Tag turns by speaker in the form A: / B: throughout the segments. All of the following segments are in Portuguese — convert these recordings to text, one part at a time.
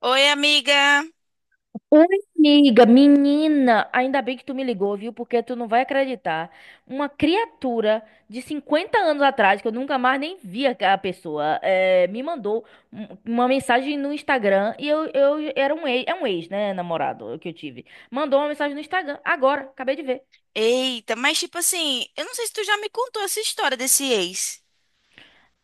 A: Oi, amiga.
B: Oi, amiga, menina, ainda bem que tu me ligou, viu? Porque tu não vai acreditar. Uma criatura de 50 anos atrás, que eu nunca mais nem vi a pessoa, me mandou um- uma mensagem no Instagram e eu era um ex, é um ex, né, namorado que eu tive. Mandou uma mensagem no Instagram, agora, acabei de ver.
A: Eita, mas tipo assim, eu não sei se tu já me contou essa história desse ex.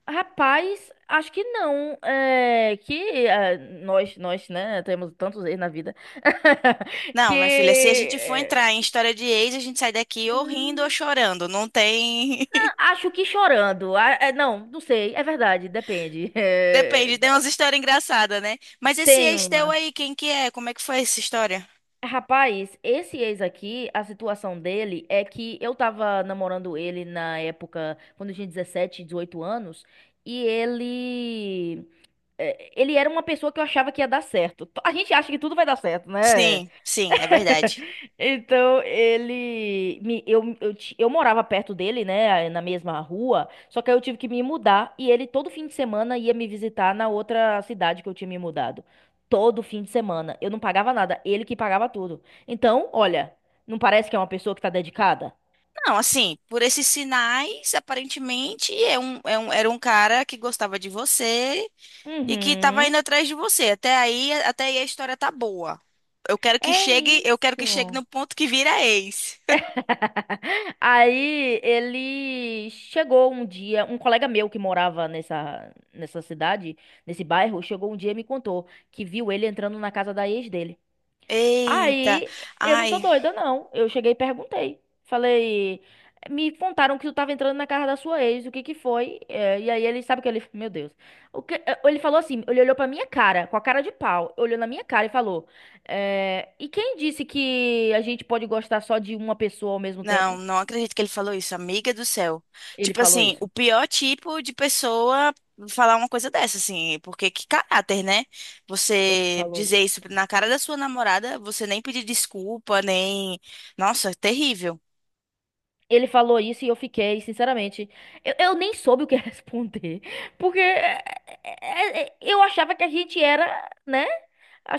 B: Rapaz, acho que não, que eh, nós, né, temos tantos ex na vida, que...
A: Não, minha filha, se a gente for entrar em história de ex, a gente sai daqui ou rindo ou
B: hum,
A: chorando. Não tem.
B: acho que chorando. Ah, é, não, não sei. É verdade, depende. É,
A: Depende, tem umas histórias engraçadas, né? Mas esse
B: tem
A: ex teu
B: uma.
A: aí, quem que é? Como é que foi essa história?
B: Rapaz, esse ex aqui, a situação dele é que eu tava namorando ele na época, quando eu tinha 17, 18 anos, e ele. Ele era uma pessoa que eu achava que ia dar certo. A gente acha que tudo vai dar certo, né?
A: Sim, sim, é verdade.
B: Então ele me eu, ti- eu morava perto dele, né, na mesma rua, só que aí eu tive que me mudar e ele todo fim de semana ia me visitar na outra cidade que eu tinha me mudado. Todo fim de semana. Eu não pagava nada, ele que pagava tudo. Então, olha, não parece que é uma pessoa que tá dedicada?
A: Não, assim, por esses sinais, aparentemente, era um cara que gostava de você. E que tava
B: Uhum.
A: indo atrás de você. Até aí a história tá boa. Eu quero que
B: É
A: chegue, eu quero que chegue
B: isso.
A: no ponto que vira ex.
B: Aí ele chegou um dia, um colega meu que morava nessa cidade, nesse bairro, chegou um dia e me contou que viu ele entrando na casa da ex dele.
A: Eita.
B: Aí eu não sou
A: Ai,
B: doida, não. Eu cheguei e perguntei. Falei, me contaram que tu tava entrando na casa da sua ex, o que que foi? E aí ele sabe o que ele, meu Deus. O que, ele falou assim, ele olhou pra minha cara, com a cara de pau, olhou na minha cara e falou, e quem disse que a gente pode gostar só de uma pessoa ao mesmo
A: não,
B: tempo?
A: não acredito que ele falou isso, amiga do céu.
B: Ele
A: Tipo
B: falou
A: assim, o
B: isso.
A: pior tipo de pessoa falar uma coisa dessa, assim, porque que caráter, né?
B: Ele
A: Você
B: falou
A: dizer
B: isso.
A: isso na cara da sua namorada, você nem pedir desculpa, nem. Nossa, terrível.
B: Ele falou isso e eu fiquei, sinceramente, eu nem soube o que responder, porque eu achava que a gente era, né?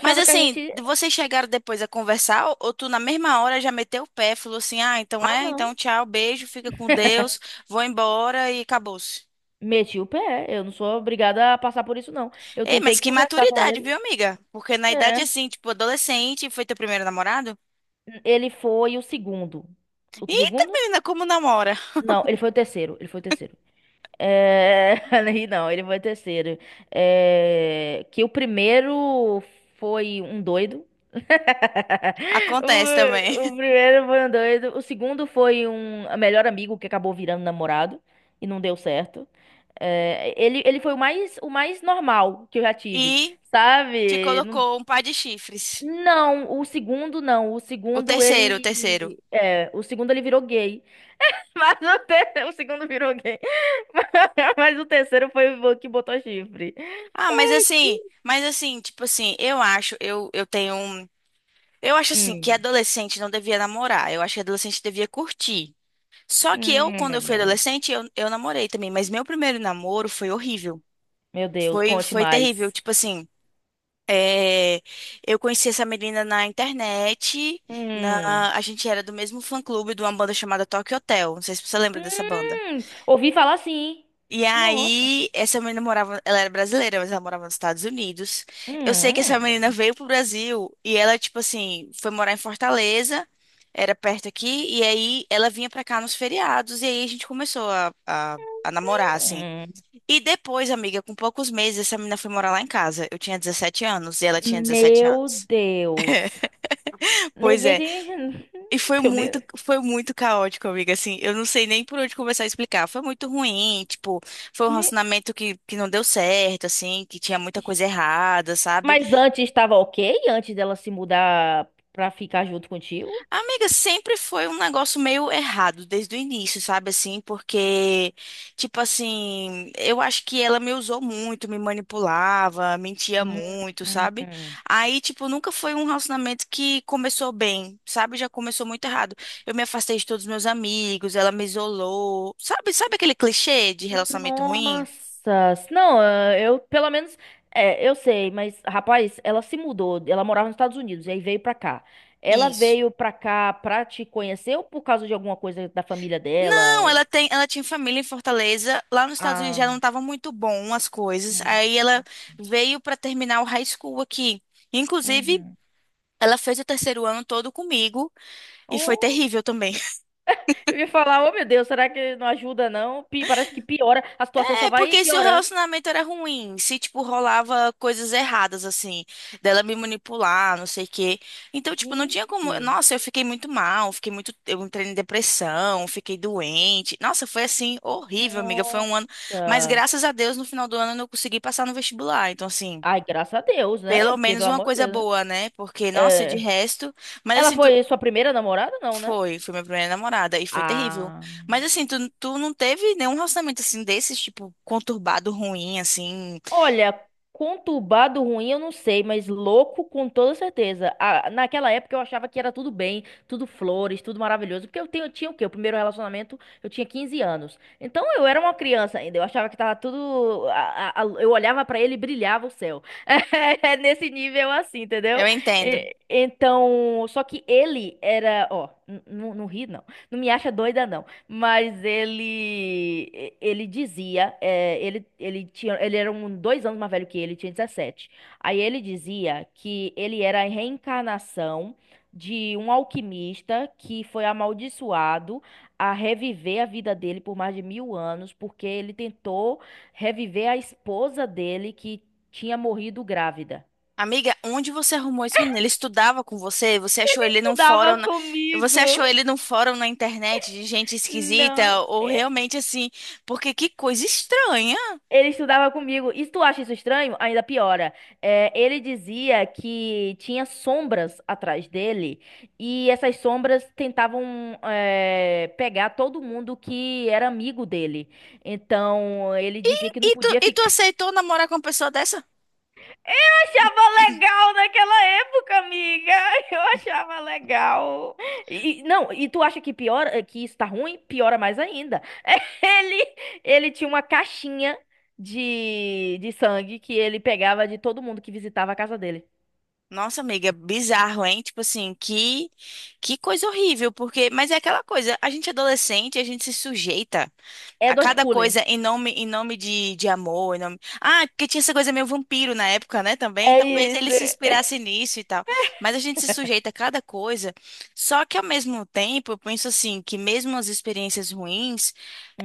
A: Mas
B: que a gente.
A: assim, vocês chegaram depois a conversar ou tu na mesma hora já meteu o pé, falou assim: "Ah, então
B: Ah,
A: é,
B: não.
A: então tchau, beijo, fica com Deus, vou embora e acabou-se".
B: Meti o pé. Eu não sou obrigada a passar por isso, não. Eu
A: Ei,
B: tentei
A: mas que
B: conversar com
A: maturidade,
B: ele.
A: viu, amiga? Porque na idade
B: É.
A: assim, tipo, adolescente, foi teu primeiro namorado?
B: Ele foi o segundo. O
A: Eita,
B: segundo?
A: menina, como namora?
B: Não, ele foi o terceiro. Ele foi o terceiro. É... Aí, não, ele foi terceiro. É, que o primeiro foi um doido.
A: Acontece também.
B: O primeiro foi um doido. O segundo foi um melhor amigo que acabou virando namorado e não deu certo. É, ele foi o mais normal que eu já tive,
A: E te
B: sabe? Não,
A: colocou um par de chifres.
B: não, o segundo não. O
A: O
B: segundo
A: terceiro, o terceiro.
B: ele. É, o segundo ele virou gay. Mas o segundo virou gay. Mas o terceiro foi o que botou chifre.
A: Ah, tipo assim, eu acho, eu tenho um. Eu acho assim que
B: Hum.
A: adolescente não devia namorar. Eu acho que adolescente devia curtir. Só que eu, quando eu fui
B: Hum.
A: adolescente, eu namorei também. Mas meu primeiro namoro foi horrível.
B: Meu Deus,
A: Foi,
B: conte
A: foi terrível.
B: mais.
A: Tipo assim, é, eu conheci essa menina na internet.
B: Hum.
A: Na, a gente era do mesmo fã-clube de uma banda chamada Tokyo Hotel. Não sei se você lembra dessa banda.
B: Hum. Ouvi falar assim.
A: E
B: Nossa.
A: aí, essa menina morava, ela era brasileira, mas ela morava nos Estados Unidos. Eu sei que essa menina
B: Hum.
A: veio pro Brasil e ela, tipo assim, foi morar em Fortaleza, era perto aqui, e aí ela vinha pra cá nos feriados, e aí a gente começou a namorar, assim.
B: Hum.
A: E depois, amiga, com poucos meses, essa menina foi morar lá em casa. Eu tinha 17 anos e ela tinha 17
B: Meu
A: anos.
B: Deus. Nem,
A: Pois
B: nem,
A: é,
B: tem-
A: e
B: Teu ne-
A: foi muito caótico, amiga. Assim, eu não sei nem por onde começar a explicar. Foi muito ruim, tipo, foi um
B: me-
A: relacionamento que não deu certo, assim, que tinha muita coisa errada, sabe?
B: mas antes estava ok? Antes dela se mudar pra ficar junto contigo?
A: Amiga, sempre foi um negócio meio errado desde o início, sabe assim? Porque, tipo assim, eu acho que ela me usou muito, me manipulava, mentia
B: Hum.
A: muito, sabe?
B: Hum.
A: Aí, tipo, nunca foi um relacionamento que começou bem, sabe? Já começou muito errado. Eu me afastei de todos os meus amigos, ela me isolou. Sabe, sabe aquele clichê de relacionamento ruim?
B: Nossa, não, eu pelo menos, é, eu sei, mas rapaz, ela se mudou, ela morava nos Estados Unidos e aí veio pra cá. Ela
A: Isso.
B: veio pra cá pra te conhecer ou por causa de alguma coisa da família
A: Não,
B: dela?
A: ela tem, ela tinha família em Fortaleza. Lá nos Estados Unidos já
B: Ah,
A: não estavam muito bom as coisas.
B: hum,
A: Aí ela veio para terminar o high school aqui. Inclusive,
B: uhum.
A: ela fez o terceiro ano todo comigo e foi
B: Oh,
A: terrível também.
B: eu ia falar, oh meu Deus, será que não ajuda não? Pi- parece que piora, a situação só
A: É
B: vai
A: porque se o
B: piorando.
A: relacionamento era ruim, se, tipo, rolava coisas erradas, assim, dela me manipular, não sei o quê. Então, tipo, não tinha como.
B: Gente,
A: Nossa, eu fiquei muito mal, fiquei muito. Eu entrei em depressão, fiquei doente. Nossa, foi assim, horrível, amiga. Foi um ano. Mas
B: nossa.
A: graças a Deus, no final do ano, eu consegui passar no vestibular. Então, assim,
B: Ai, graças a Deus, né?
A: pelo
B: Porque
A: menos
B: pelo
A: uma
B: amor de
A: coisa
B: Deus, né?
A: boa, né? Porque, nossa, de
B: É,
A: resto. Mas,
B: ela
A: assim,
B: foi sua primeira namorada, não, né?
A: foi, foi minha primeira namorada e foi terrível.
B: Ah.
A: Mas assim, tu, tu não teve nenhum relacionamento assim desses, tipo, conturbado, ruim, assim.
B: Olha, conturbado ruim eu não sei, mas louco com toda certeza. Ah, naquela época eu achava que era tudo bem, tudo flores, tudo maravilhoso, porque eu tenho, tinha o quê? O primeiro relacionamento eu tinha 15 anos. Então eu era uma criança ainda, eu achava que tava tudo. Eu olhava pra ele e brilhava o céu. É nesse nível assim,
A: Eu
B: entendeu?
A: entendo.
B: Então, só que ele era. Ó, não ri não. Não me acha doida não. Mas ele ele dizia, ele, ele tinha, ele era um 2 anos mais velho que ele, tinha 17. Aí ele dizia que ele era a reencarnação de um alquimista que foi amaldiçoado a reviver a vida dele por mais de mil anos, porque ele tentou reviver a esposa dele que tinha morrido grávida.
A: Amiga, onde você arrumou esse menino? Ele estudava com você? Você achou ele num fórum
B: Estudava
A: na... Você achou
B: comigo.
A: ele num fórum na internet de gente esquisita?
B: Não.
A: Ou realmente assim? Porque que coisa estranha.
B: Ele estudava comigo. E se tu acha isso estranho, ainda piora. É, ele dizia que tinha sombras atrás dele e essas sombras tentavam pegar todo mundo que era amigo dele. Então ele dizia que não
A: E tu,
B: podia
A: e tu
B: ficar
A: aceitou namorar com uma pessoa dessa?
B: achava legal naquela época, amiga. Eu achava legal. E, não, e tu acha que piora, que isso tá ruim? Piora mais ainda. Ele, ele tinha uma caixinha de sangue que ele pegava de todo mundo que visitava a casa dele.
A: Nossa, amiga, bizarro, hein? Tipo assim, que coisa horrível, porque, mas é aquela coisa, a gente é adolescente, a gente se sujeita. A
B: Edward
A: cada
B: Cullen.
A: coisa em nome de amor, em nome... Ah, porque tinha essa coisa meio vampiro na época, né, também.
B: É
A: Talvez
B: isso.
A: ele se inspirasse nisso e tal. Mas a gente se sujeita a cada coisa. Só que ao mesmo tempo, eu penso assim, que mesmo as experiências ruins,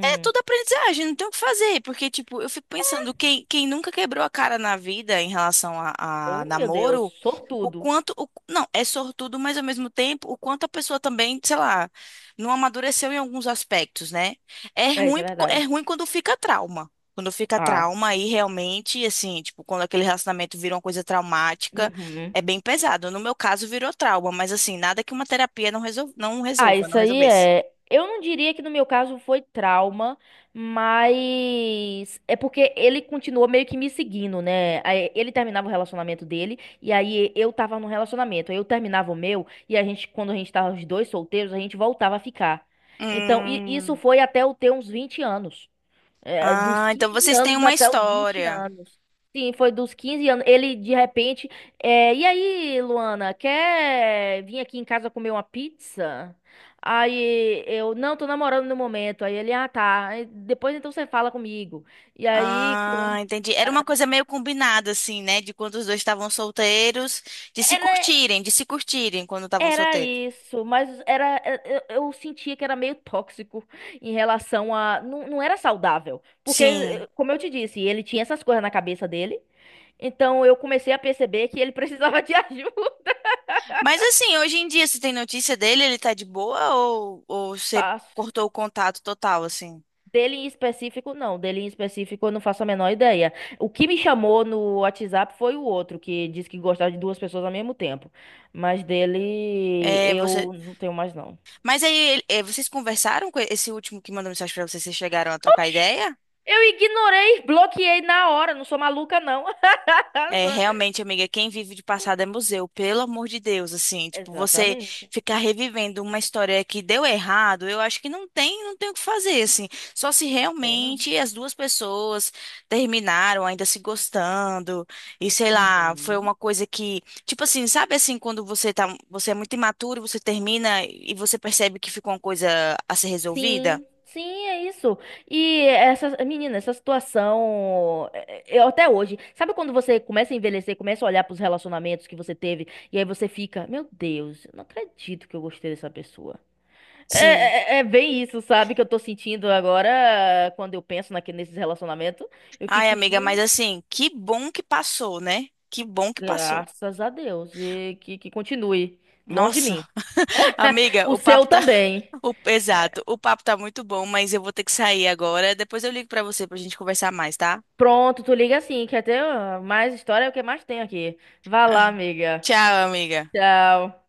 A: é tudo aprendizagem, não tem o que fazer. Porque, tipo, eu fico pensando, quem, quem nunca quebrou a cara na vida em relação a
B: Oh, meu Deus,
A: namoro, o
B: sortudo.
A: quanto. O, não, é sortudo, mas ao mesmo tempo, o quanto a pessoa também, sei lá, não amadureceu em alguns aspectos, né? É
B: É isso, é
A: ruim, é
B: verdade.
A: ruim quando fica trauma. Quando fica
B: Ah.
A: trauma, aí realmente, assim, tipo, quando aquele relacionamento vira uma coisa traumática,
B: Uhum.
A: é bem pesado. No meu caso, virou trauma, mas assim, nada que uma terapia não
B: Ah,
A: resolva, não
B: isso aí
A: resolvesse.
B: é. Eu não diria que no meu caso foi trauma, mas é porque ele continuou meio que me seguindo, né? Aí ele terminava o relacionamento dele e aí eu tava num relacionamento. Aí eu terminava o meu e a gente, quando a gente tava os dois solteiros, a gente voltava a ficar. Então, isso
A: Hum.
B: foi até eu ter uns 20 anos. É, dos
A: Ah, então
B: 15
A: vocês têm
B: anos
A: uma
B: até os 20
A: história.
B: anos. Sim, foi dos 15 anos. Ele, de repente. E aí, Luana, quer vir aqui em casa comer uma pizza? Aí eu, não, tô namorando no momento. Aí ele, ah, tá. Aí, depois então você fala comigo. E aí.
A: Ah, entendi. Era uma
B: É,
A: coisa meio combinada, assim, né? De quando os dois estavam solteiros, de se
B: Era.
A: curtirem, de se curtirem quando estavam
B: Era
A: solteiros.
B: isso, mas era eu sentia que era meio tóxico em relação a não, não era saudável, porque
A: Sim.
B: como eu te disse, ele tinha essas coisas na cabeça dele. Então eu comecei a perceber que ele precisava de ajuda.
A: Mas assim, hoje em dia, você tem notícia dele? Ele tá de boa ou você
B: Faço.
A: cortou o contato total, assim?
B: Dele em específico, não. Dele em específico, eu não faço a menor ideia. O que me chamou no WhatsApp foi o outro, que disse que gostava de duas pessoas ao mesmo tempo. Mas dele,
A: É, você...
B: eu não tenho mais, não.
A: Mas aí, vocês conversaram com esse último que mandou mensagem pra vocês? Vocês chegaram a trocar
B: Oxi,
A: ideia?
B: eu ignorei, bloqueei na hora, não sou maluca, não.
A: É,
B: Sou-
A: realmente, amiga, quem vive de passado é museu, pelo amor de Deus, assim, tipo, você
B: Exatamente,
A: ficar revivendo uma história que deu errado, eu acho que não tem, não tem o que fazer, assim, só se
B: tem não.
A: realmente as duas pessoas terminaram ainda se gostando, e sei lá, foi
B: Uhum.
A: uma coisa que, tipo assim, sabe assim, quando você tá, você é muito imaturo, você termina e você percebe que ficou uma coisa a ser resolvida?
B: Sim, sim, é isso. E essa, menina, essa situação, é, é, eu até hoje, sabe quando você começa a envelhecer, começa a olhar pros relacionamentos que você teve, e aí você fica, meu Deus, eu não acredito que eu gostei dessa pessoa.
A: Sim.
B: É bem isso, sabe, que eu tô sentindo agora, quando eu penso naque, nesses relacionamentos, eu
A: Ai,
B: fico,
A: amiga, mas
B: gente.
A: assim, que bom que passou, né? Que bom que passou.
B: Graças a Deus. E que continue. Longe de
A: Nossa.
B: mim.
A: Amiga,
B: O
A: o
B: seu
A: papo tá.
B: também.
A: Exato, o papo tá muito bom, mas eu vou ter que sair agora. Depois eu ligo pra você pra gente conversar mais, tá?
B: Pronto, tu liga assim. Quer ter mais história? É o que mais tem aqui. Vá lá, amiga.
A: Tchau, amiga.
B: Tchau.